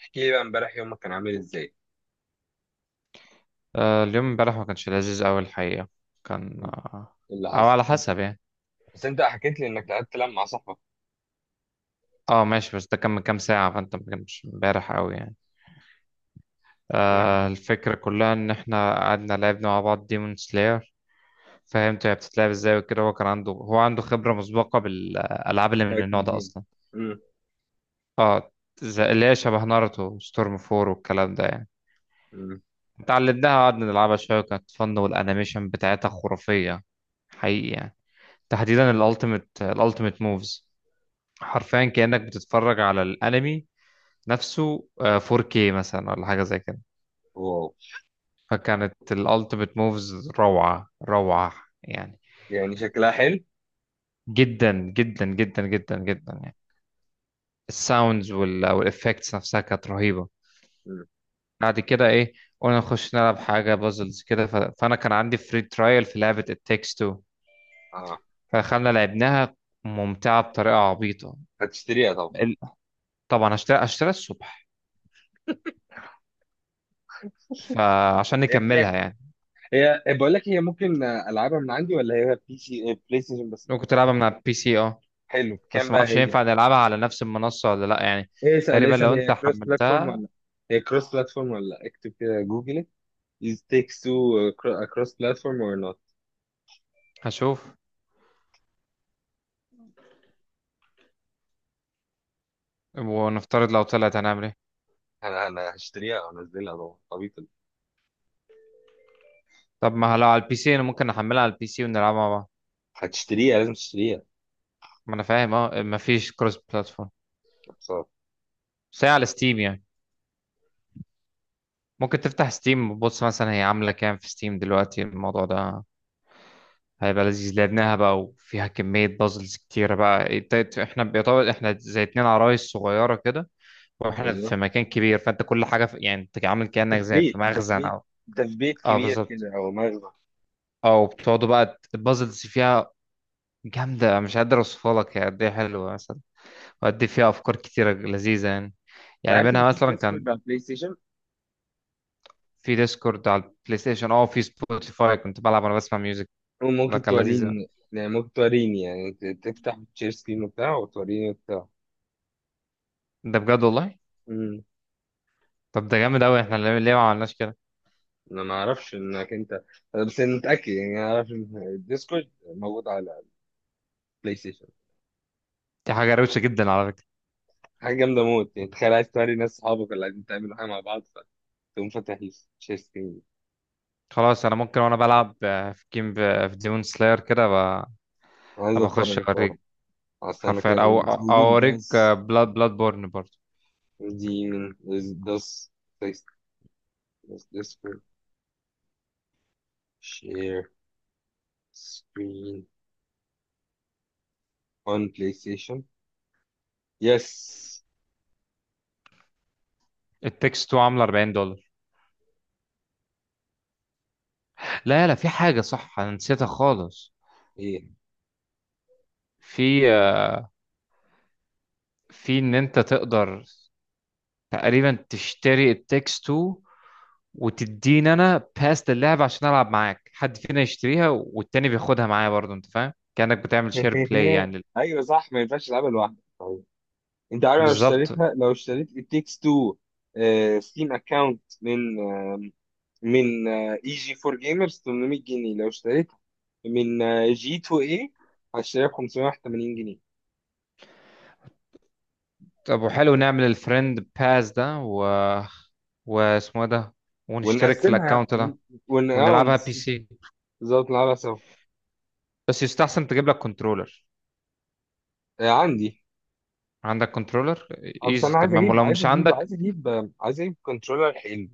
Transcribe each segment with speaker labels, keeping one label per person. Speaker 1: احكي لي بقى امبارح يومك كان عامل ازاي؟
Speaker 2: اليوم امبارح ما كانش لذيذ قوي الحقيقة. كان
Speaker 1: إيه
Speaker 2: آه،
Speaker 1: اللي
Speaker 2: او
Speaker 1: حصل؟
Speaker 2: على حسب يعني.
Speaker 1: بس انت حكيت لي انك لعبت لعب مع صاحبك.
Speaker 2: اه ماشي، بس ده كان من كام ساعة فانت ما كانش امبارح قوي يعني.
Speaker 1: نعم.
Speaker 2: آه الفكرة كلها ان احنا قعدنا لعبنا مع بعض ديمون سلاير. فهمت هي بتتلعب ازاي وكده، هو عنده خبرة مسبقة بالالعاب اللي من النوع
Speaker 1: فايتنج
Speaker 2: ده
Speaker 1: جيم.
Speaker 2: اصلا.
Speaker 1: امم
Speaker 2: اه اللي هي شبه ناروتو ستورم فور والكلام ده يعني.
Speaker 1: امم
Speaker 2: اتعلمناها، قعدنا نلعبها شوية وكانت فن، والانيميشن بتاعتها خرافية حقيقي يعني. تحديدا الالتيميت موفز، حرفيا كأنك بتتفرج على الانمي نفسه، 4K مثلا ولا حاجة زي كده.
Speaker 1: واو،
Speaker 2: فكانت الالتيميت موفز روعة روعة يعني،
Speaker 1: يعني شكلها حلو.
Speaker 2: جدا جدا جدا جدا جدا يعني. الساوندز والافكتس نفسها كانت رهيبة.
Speaker 1: امم
Speaker 2: بعد كده ايه، قلنا نخش نلعب حاجة بازلز كده، فانا كان عندي فري ترايل في لعبة التكست 2.
Speaker 1: اه
Speaker 2: فدخلنا لعبناها، ممتعة بطريقة عبيطة.
Speaker 1: هتشتريها طبعا.
Speaker 2: ال- طبعا هشتري الصبح، فعشان
Speaker 1: هي
Speaker 2: نكملها
Speaker 1: بكام؟
Speaker 2: يعني.
Speaker 1: هي بقول لك، هي ممكن العبها من عندي ولا هي بي سي بلاي ستيشن بس؟
Speaker 2: ممكن تلعبها من على البي سي اه.
Speaker 1: حلو، بكام
Speaker 2: بس ما
Speaker 1: بقى
Speaker 2: اعرفش
Speaker 1: هي؟
Speaker 2: ينفع نلعبها على نفس المنصة ولا لا يعني.
Speaker 1: ايه، اسال
Speaker 2: تقريبا
Speaker 1: اسال
Speaker 2: لو انت
Speaker 1: هي كروس بلاتفورم
Speaker 2: حملتها.
Speaker 1: ولا؟ هي كروس بلاتفورم ولا لأ؟ اكتب كده جوجل: از تيكس تو كروس بلاتفورم اور نوت.
Speaker 2: هشوف، ونفترض لو طلعت هنعمل ايه.
Speaker 1: انا هشتريها وانزلها طبعا، طبيعي.
Speaker 2: طب ما لو على البي سي انا ممكن احملها على البي سي ونلعبها مع بعض.
Speaker 1: هتشتريها، لازم تشتريها.
Speaker 2: ما انا فاهم اه، ما فيش كروس بلاتفورم، بس هي على ستيم يعني. ممكن تفتح ستيم وتبص مثلا هي عاملة كام في ستيم دلوقتي. الموضوع ده هيبقى لذيذ. لعبناها بقى وفيها كمية بازلز كتيرة بقى. احنا بيطول، احنا زي 2 عرايس صغيرة كده واحنا
Speaker 1: ايوه،
Speaker 2: في مكان كبير. فانت كل حاجة في... يعني انت عامل
Speaker 1: انت
Speaker 2: كأنك
Speaker 1: في
Speaker 2: زي في
Speaker 1: بيت انت في
Speaker 2: مخزن
Speaker 1: بيت
Speaker 2: او...
Speaker 1: انت في بيت
Speaker 2: اه
Speaker 1: كبير
Speaker 2: بالظبط.
Speaker 1: كده او مغنى.
Speaker 2: او بتقعدوا بقى، البازلز فيها جامدة، مش قادر اوصفها لك هي قد ايه حلوة مثلا، وقد ايه فيها افكار كتيرة لذيذة يعني.
Speaker 1: انت
Speaker 2: يعني
Speaker 1: عارف ان
Speaker 2: منها
Speaker 1: في
Speaker 2: مثلا كان
Speaker 1: ديسكورد على بلاي ستيشن؟
Speaker 2: في ديسكورد على البلاي ستيشن اه، في سبوتيفاي كنت بلعب وانا بسمع ميوزك. ده
Speaker 1: وممكن
Speaker 2: كان لذيذ أوي.
Speaker 1: توريني، يعني ممكن توريني، يعني تفتح تشير سكرين وبتاع، وتوريني وبتاع.
Speaker 2: ده بجد والله.
Speaker 1: امم
Speaker 2: طب ده جامد قوي، احنا ليه ما عملناش كده.
Speaker 1: انا ما اعرفش انك انت. أنا بس انا متاكد، يعني انا اعرف ان الديسكورد موجود على بلاي ستيشن.
Speaker 2: دي حاجة روشة جدا على فكرة.
Speaker 1: حاجه جامده موت، يعني تخيل عايز توري ناس صحابك اللي قاعدين تعملوا حاجه مع بعض، فتقوم فاتح تشير سكرين.
Speaker 2: خلاص انا ممكن وانا بلعب في جيم، في ديمون سلاير كده،
Speaker 1: عايز
Speaker 2: هبقى اخش
Speaker 1: اتفرج،
Speaker 2: اوريك.
Speaker 1: استنى
Speaker 2: حرفيا
Speaker 1: كده،
Speaker 2: او
Speaker 1: ليتس
Speaker 2: أو
Speaker 1: جوجل
Speaker 2: اوريك.
Speaker 1: داز.
Speaker 2: بلاد بورن برضه.
Speaker 1: دي من داز. داز share screen on PlayStation. يس.
Speaker 2: التكست عامله $40. لا لا، في حاجة صح أنا نسيتها خالص.
Speaker 1: ايه.
Speaker 2: في في إن أنت تقدر تقريبا تشتري التكست 2 وتديني أنا باس اللعبة عشان ألعب معاك، حد فينا يشتريها والتاني بياخدها معايا برضه، أنت فاهم، كأنك بتعمل شير بلاي يعني.
Speaker 1: ايوه صح، ما ينفعش العبها لوحدك. طيب، انت عارف لو
Speaker 2: بالظبط.
Speaker 1: اشتريتها، لو اشتريت It Takes Two ستيم اكونت من من اي جي 4 جيمرز 800 جنيه، لو اشتريتها من جي 2 اي هشتريها ب 581 جنيه.
Speaker 2: طب وحلو نعمل الفريند باس ده، و واسمه إيه ده، ونشترك في
Speaker 1: ونقسمها
Speaker 2: الأكونت ده
Speaker 1: ون- اه
Speaker 2: ونلعبها بي
Speaker 1: نس-
Speaker 2: سي.
Speaker 1: بالظبط، نلعبها سوا.
Speaker 2: بس يستحسن تجيب لك كنترولر.
Speaker 1: عندي.
Speaker 2: عندك كنترولر،
Speaker 1: بس
Speaker 2: ايزي
Speaker 1: انا عايز
Speaker 2: تمام.
Speaker 1: اجيب،
Speaker 2: ولو
Speaker 1: عايز
Speaker 2: مش
Speaker 1: اجيب،
Speaker 2: عندك،
Speaker 1: عايز اجيب كنترولر حلو.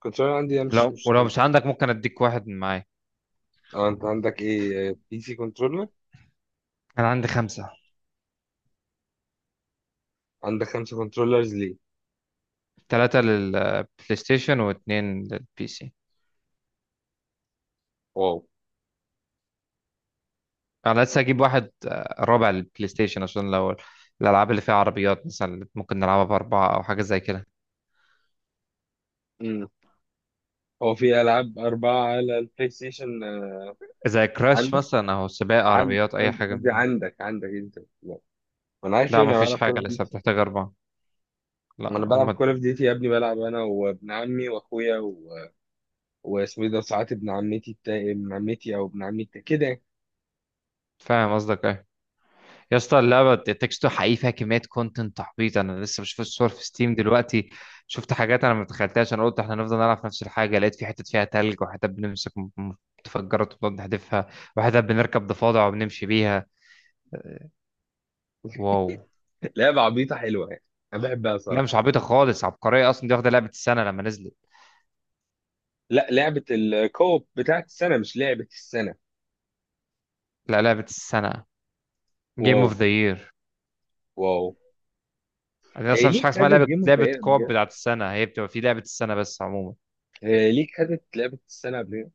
Speaker 1: كنترولر عندي ده مش مش
Speaker 2: ولو
Speaker 1: حلو.
Speaker 2: مش عندك ممكن اديك واحد من معايا.
Speaker 1: اه، انت عندك ايه؟ بي سي كنترولر؟
Speaker 2: انا عندي 5:
Speaker 1: عندك خمسة كنترولرز ليه؟
Speaker 2: 3 للبلاي ستيشن واثنين للبي سي.
Speaker 1: واو.
Speaker 2: انا لسه هجيب واحد رابع للبلاي ستيشن عشان لو الالعاب اللي فيها عربيات مثلا اللي ممكن نلعبها باربعة او حاجة زي كده،
Speaker 1: امم هو في العاب اربعة على البلاي ستيشن
Speaker 2: زي كراش
Speaker 1: عندك؟
Speaker 2: مثلا او سباق
Speaker 1: عن
Speaker 2: عربيات، اي
Speaker 1: قصدي
Speaker 2: حاجة
Speaker 1: قصدي
Speaker 2: من...
Speaker 1: عندك انت، لا. ما انا عارف،
Speaker 2: لا
Speaker 1: يعني انا
Speaker 2: مفيش
Speaker 1: بلعب كول
Speaker 2: حاجة
Speaker 1: اوف
Speaker 2: لسه
Speaker 1: ديوتي.
Speaker 2: بتحتاج 4.
Speaker 1: ما
Speaker 2: لا
Speaker 1: انا بلعب
Speaker 2: هما.
Speaker 1: كول اوف ديوتي يا ابني، بلعب انا وابن عمي واخويا و... واسمه ايه ده ساعات ابن عمتي او كده يعني.
Speaker 2: فاهم قصدك إيه؟ يا اسطى اللعبة تكستو حقيقي فيها كمية كونتنت تحبيط. أنا لسه بشوف الصور في ستيم دلوقتي، شفت حاجات أنا ما تخيلتهاش. أنا قلت إحنا هنفضل نلعب في نفس الحاجة، لقيت في حتت فيها تلج، وحتت بنمسك متفجرات وبنقعد نحدفها، وحتت بنركب ضفادع وبنمشي بيها. واو.
Speaker 1: لعبة عبيطة حلوة، يعني انا بحبها
Speaker 2: لا
Speaker 1: صراحة.
Speaker 2: مش عبيطة خالص، عبقرية أصلا، دي واخدة لعبة السنة لما نزلت.
Speaker 1: لا، لعبة الكوب بتاعت السنة، مش لعبة السنة.
Speaker 2: لا لعبة السنة، جيم
Speaker 1: واو.
Speaker 2: اوف ذا يير.
Speaker 1: واو.
Speaker 2: أنا
Speaker 1: إيه
Speaker 2: أصلا مفيش
Speaker 1: ليك
Speaker 2: حاجة اسمها
Speaker 1: خدت
Speaker 2: لعبة
Speaker 1: جيم اوف ذا
Speaker 2: لعبة
Speaker 1: يير قبل
Speaker 2: كوب
Speaker 1: كده؟
Speaker 2: بتاعت السنة، هي بتبقى في لعبة السنة بس عموما.
Speaker 1: إيه ليك خدت لعبة السنة قبل كده؟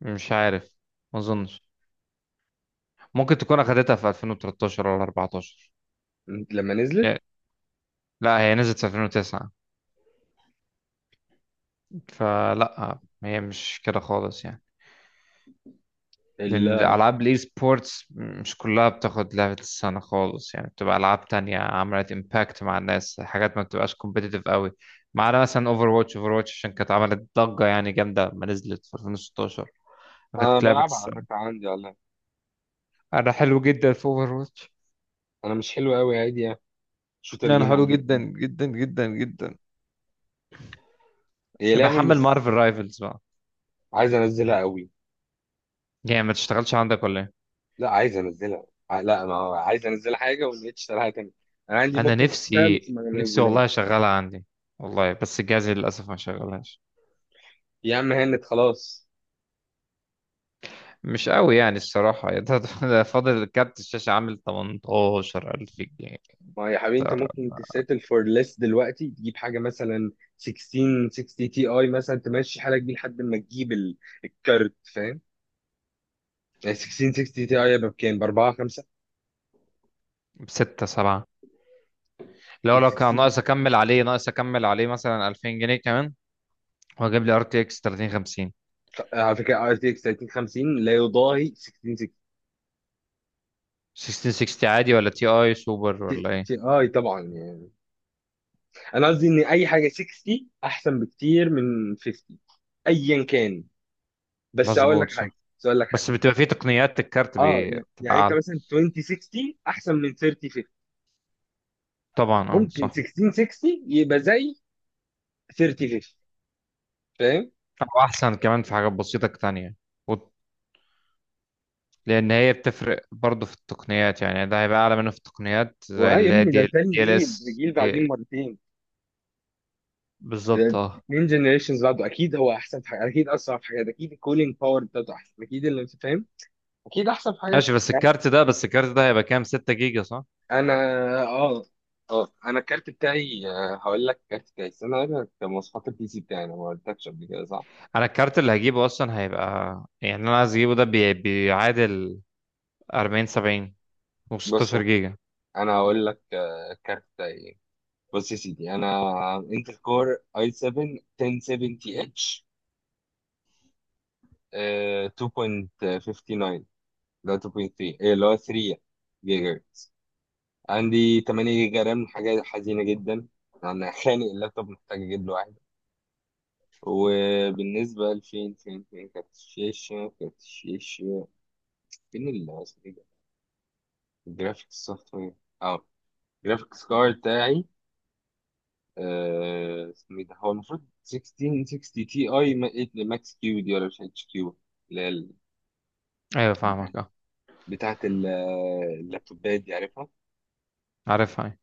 Speaker 2: مش عارف، ما أظنش، ممكن تكون أخدتها في 2013 ولا 14.
Speaker 1: لما نزلت.
Speaker 2: لا هي نزلت في 2009، فلا هي مش كده خالص يعني. لأن
Speaker 1: ال-
Speaker 2: ألعاب الإي سبورتس مش كلها بتاخد لعبة السنة خالص يعني، بتبقى ألعاب تانية عملت إمباكت مع الناس، حاجات ما بتبقاش كومبيتيتيف قوي. ما عدا مثلا أوفر واتش عشان كانت عملت ضجة يعني جامدة لما نزلت في 2016،
Speaker 1: أنا
Speaker 2: أخدت لعبة
Speaker 1: بلعبها على
Speaker 2: السنة.
Speaker 1: فكرة، عندي والله.
Speaker 2: أنا حلو جدا في أوفر واتش.
Speaker 1: أنا مش حلو أوي، عادي يعني. شوتر
Speaker 2: أنا
Speaker 1: جيم
Speaker 2: حلو
Speaker 1: عادي.
Speaker 2: جدا جدا جدا جدا.
Speaker 1: هي لعبة
Speaker 2: بحمل
Speaker 1: مش...
Speaker 2: مارفل رايفلز بقى.
Speaker 1: عايز أنزلها أوي.
Speaker 2: يعني ما تشتغلش عندك ولا إيه؟
Speaker 1: لا، عايز أنزلها، لا أنا عايز أنزل حاجة وما لقيتش شغالة تاني. أنا عندي
Speaker 2: انا
Speaker 1: ممكن تشتغل
Speaker 2: نفسي
Speaker 1: بس ما
Speaker 2: نفسي
Speaker 1: نزلهاش.
Speaker 2: والله اشغلها عندي والله، بس جهازي للاسف ما شغلهاش.
Speaker 1: يا عم هانت خلاص.
Speaker 2: مش قوي يعني الصراحه. ده فاضل كارت الشاشه عامل 18,000 جنيه.
Speaker 1: ما يا حبيبي، أنت
Speaker 2: ترى،
Speaker 1: ممكن تسيتل فور ليس دلوقتي، تجيب حاجة مثلا 16 60 تي أي، مثلا تمشي حالك بيه لحد ما تجيب الكارت، فاهم. ال 1660 تي اي بكام؟ ب 4 5.
Speaker 2: بستة سبعة.
Speaker 1: ال
Speaker 2: لو كان
Speaker 1: 16.
Speaker 2: ناقص اكمل عليه، ناقص اكمل عليه مثلا 2000 جنيه كمان، واجيب لي ار تي اكس 3050.
Speaker 1: على فكره ار تي اكس 3050 لا يضاهي 1660
Speaker 2: 6060 عادي ولا تي اي سوبر ولا ايه؟
Speaker 1: تي اي طبعا، يعني انا قصدي ان اي حاجه 60 احسن بكتير من 50، ايا كان. بس هقول لك
Speaker 2: مظبوط صح.
Speaker 1: حاجه بس هقول لك حاجه.
Speaker 2: بس بتبقى فيه تقنيات الكارت
Speaker 1: اه، يعني
Speaker 2: بتبقى
Speaker 1: يعني انت
Speaker 2: اعلى
Speaker 1: مثلا 2060 احسن من 3050،
Speaker 2: طبعا اه
Speaker 1: ممكن
Speaker 2: صح.
Speaker 1: 1660 يبقى زي 3050، فاهم؟
Speaker 2: او احسن كمان في حاجات بسيطه تانية، لان هي بتفرق برضه في التقنيات يعني، ده هيبقى اعلى منه في التقنيات زي
Speaker 1: واه يا
Speaker 2: اللي هي
Speaker 1: ابني،
Speaker 2: دي،
Speaker 1: ده تاني
Speaker 2: دي ال
Speaker 1: جيل، ده
Speaker 2: اس
Speaker 1: جيل بعدين
Speaker 2: دي،
Speaker 1: مرتين.
Speaker 2: بالظبط اه.
Speaker 1: اتنين جنريشنز بعده، اكيد هو احسن في حاجات، اكيد اسرع في حاجات، اكيد الكولينج باور بتاعته احسن، اكيد اللي انت فاهم اكيد احسن في حاجات،
Speaker 2: ماشي بس
Speaker 1: يعني.
Speaker 2: الكارت ده، هيبقى كام، 6 جيجا صح.
Speaker 1: انا اه اه انا الكارت بتاعي هقول لك الكارت بتاعي، استنى اقول لك مواصفات البي سي بتاعي، انا ما قلتلكش قبل كده صح؟
Speaker 2: انا الكارت اللي هجيبه اصلا هيبقى يعني، انا عايز اجيبه ده بيعادل 40 70
Speaker 1: بص،
Speaker 2: و16 جيجا.
Speaker 1: انا هقول لك الكارت بتاعي إيه. بص يا سيدي، انا انتل كور اي 7 1070 اتش 2.59، لا 2.3، اللي هو 3 جيجا. عندي 8 جيجا رام، حاجة حزينة جدا. أنا خانق اللابتوب، محتاج أجيب له واحد. وبالنسبة لفين، فين فين كارت الشاشة، كارت الشاشة. فين ال اسمه إيه ده؟ الجرافيك سوفت وير. أه، الجرافيكس كارد بتاعي اسمه إيه ده، هو المفروض 1660 تي أي ماكس كيو دي، ولا مش اتش كيو، اللي هي
Speaker 2: ايوه
Speaker 1: بتاع-
Speaker 2: فاهمك اه.
Speaker 1: بتاعة ال- اللابتوبات دي، عارفها.
Speaker 2: عارفها أيوة.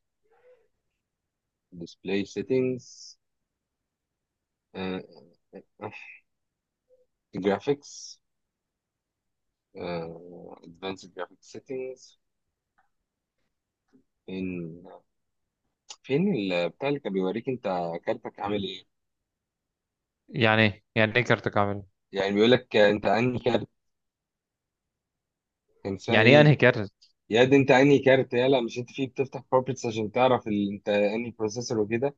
Speaker 1: ديسبلاي سيتنجز، جرافيكس، advanced graphic settings. فين، بتاع اللي كان بيوريك انت كارتك عامل ايه.
Speaker 2: يعني ايه كارتك عامل إيه؟
Speaker 1: يعني بيقول لك انت انهي كارت، كان اسمها
Speaker 2: يعني ايه
Speaker 1: ايه.
Speaker 2: انهي كارت.
Speaker 1: يا دي، انت انهي كارت يلا، مش انت فيه بتفتح بروبرتس عشان تعرف انت انهي بروسيسور وكده؟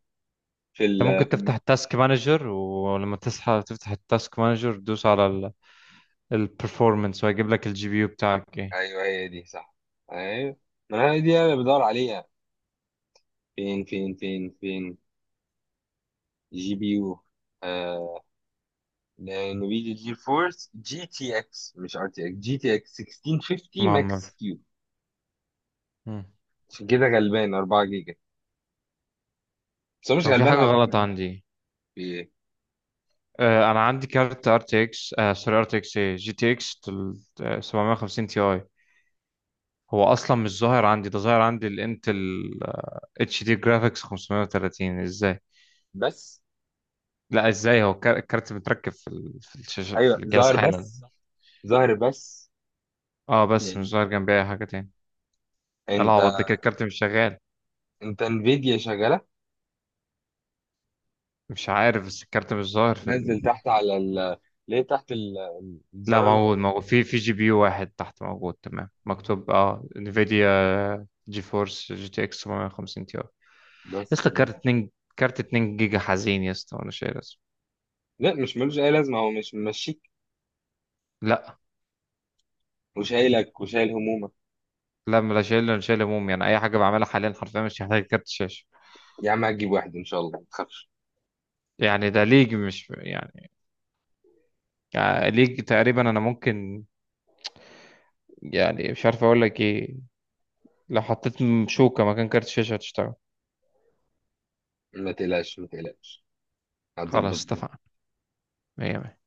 Speaker 1: في
Speaker 2: انت
Speaker 1: ال...
Speaker 2: ممكن
Speaker 1: في
Speaker 2: تفتح
Speaker 1: الم...
Speaker 2: التاسك مانجر، ولما تصحى تفتح التاسك مانجر دوس على البرفورمانس وهيجيب لك الجي بي يو بتاعك ايه.
Speaker 1: ايوه، هي دي صح. ايوه، ما هي دي انا بدور عليها. فين جي بي يو. آه... نفيديا جي فورس جي تي اكس، مش ار تي اكس، جي تي اكس 1650
Speaker 2: مهم.
Speaker 1: ماكس كيو.
Speaker 2: مم.
Speaker 1: عشان كده غلبان، 4 جيجا. بس هو مش
Speaker 2: هو في
Speaker 1: غلبان
Speaker 2: حاجة
Speaker 1: على فكرة
Speaker 2: غلط
Speaker 1: أوي.
Speaker 2: عندي.
Speaker 1: إيه؟
Speaker 2: آه أنا عندي كارت ار تي اكس، آه سوري ار تي اكس ايه جي تي اكس 750 تي اي. هو أصلا مش ظاهر عندي، ده ظاهر عندي الانتل اتش دي جرافيكس 530 ازاي؟
Speaker 1: بس،
Speaker 2: لا ازاي، هو الكارت متركب في في الشاشة
Speaker 1: أيوه
Speaker 2: في الجهاز
Speaker 1: ظاهر
Speaker 2: حالا.
Speaker 1: بس، ظاهر بس
Speaker 2: اه بس مش
Speaker 1: يعني.
Speaker 2: ظاهر جنبي أي حاجة تاني.
Speaker 1: أنت،
Speaker 2: العوض ده كده الكارت مش شغال.
Speaker 1: أنت انفيديا شغالة.
Speaker 2: مش عارف، بس الكارت مش ظاهر في ال...
Speaker 1: نزل تحت على ال. ليه تحت
Speaker 2: لا
Speaker 1: الزرار اللي هو.
Speaker 2: موجود موجود، في جي بي يو واحد تحت موجود تمام، مكتوب اه انفيديا جي فورس جي تي اكس 750 تي. يا اسطى
Speaker 1: بس ده.
Speaker 2: كارت 2 جيجا حزين يا اسطى، وانا شايل اسمه.
Speaker 1: لا، مش ملوش أي لازمة، هو مش ممشيك
Speaker 2: لا
Speaker 1: وشايلك وشايل همومك.
Speaker 2: لا، لا شايل، انا شايل هموم يعني. اي حاجه بعملها حاليا حرفيا مش محتاج كارت شاشه.
Speaker 1: يا عم هتجيب واحد إن شاء الله، ما تخافش.
Speaker 2: يعني ده ليج مش يعني، يعني ليج تقريبا. انا ممكن يعني مش عارف اقول لك ايه، لو حطيت شوكه مكان كارت شاشه هتشتغل.
Speaker 1: ما تقلقش، هتظبط.
Speaker 2: خلاص اتفقنا. مية مية.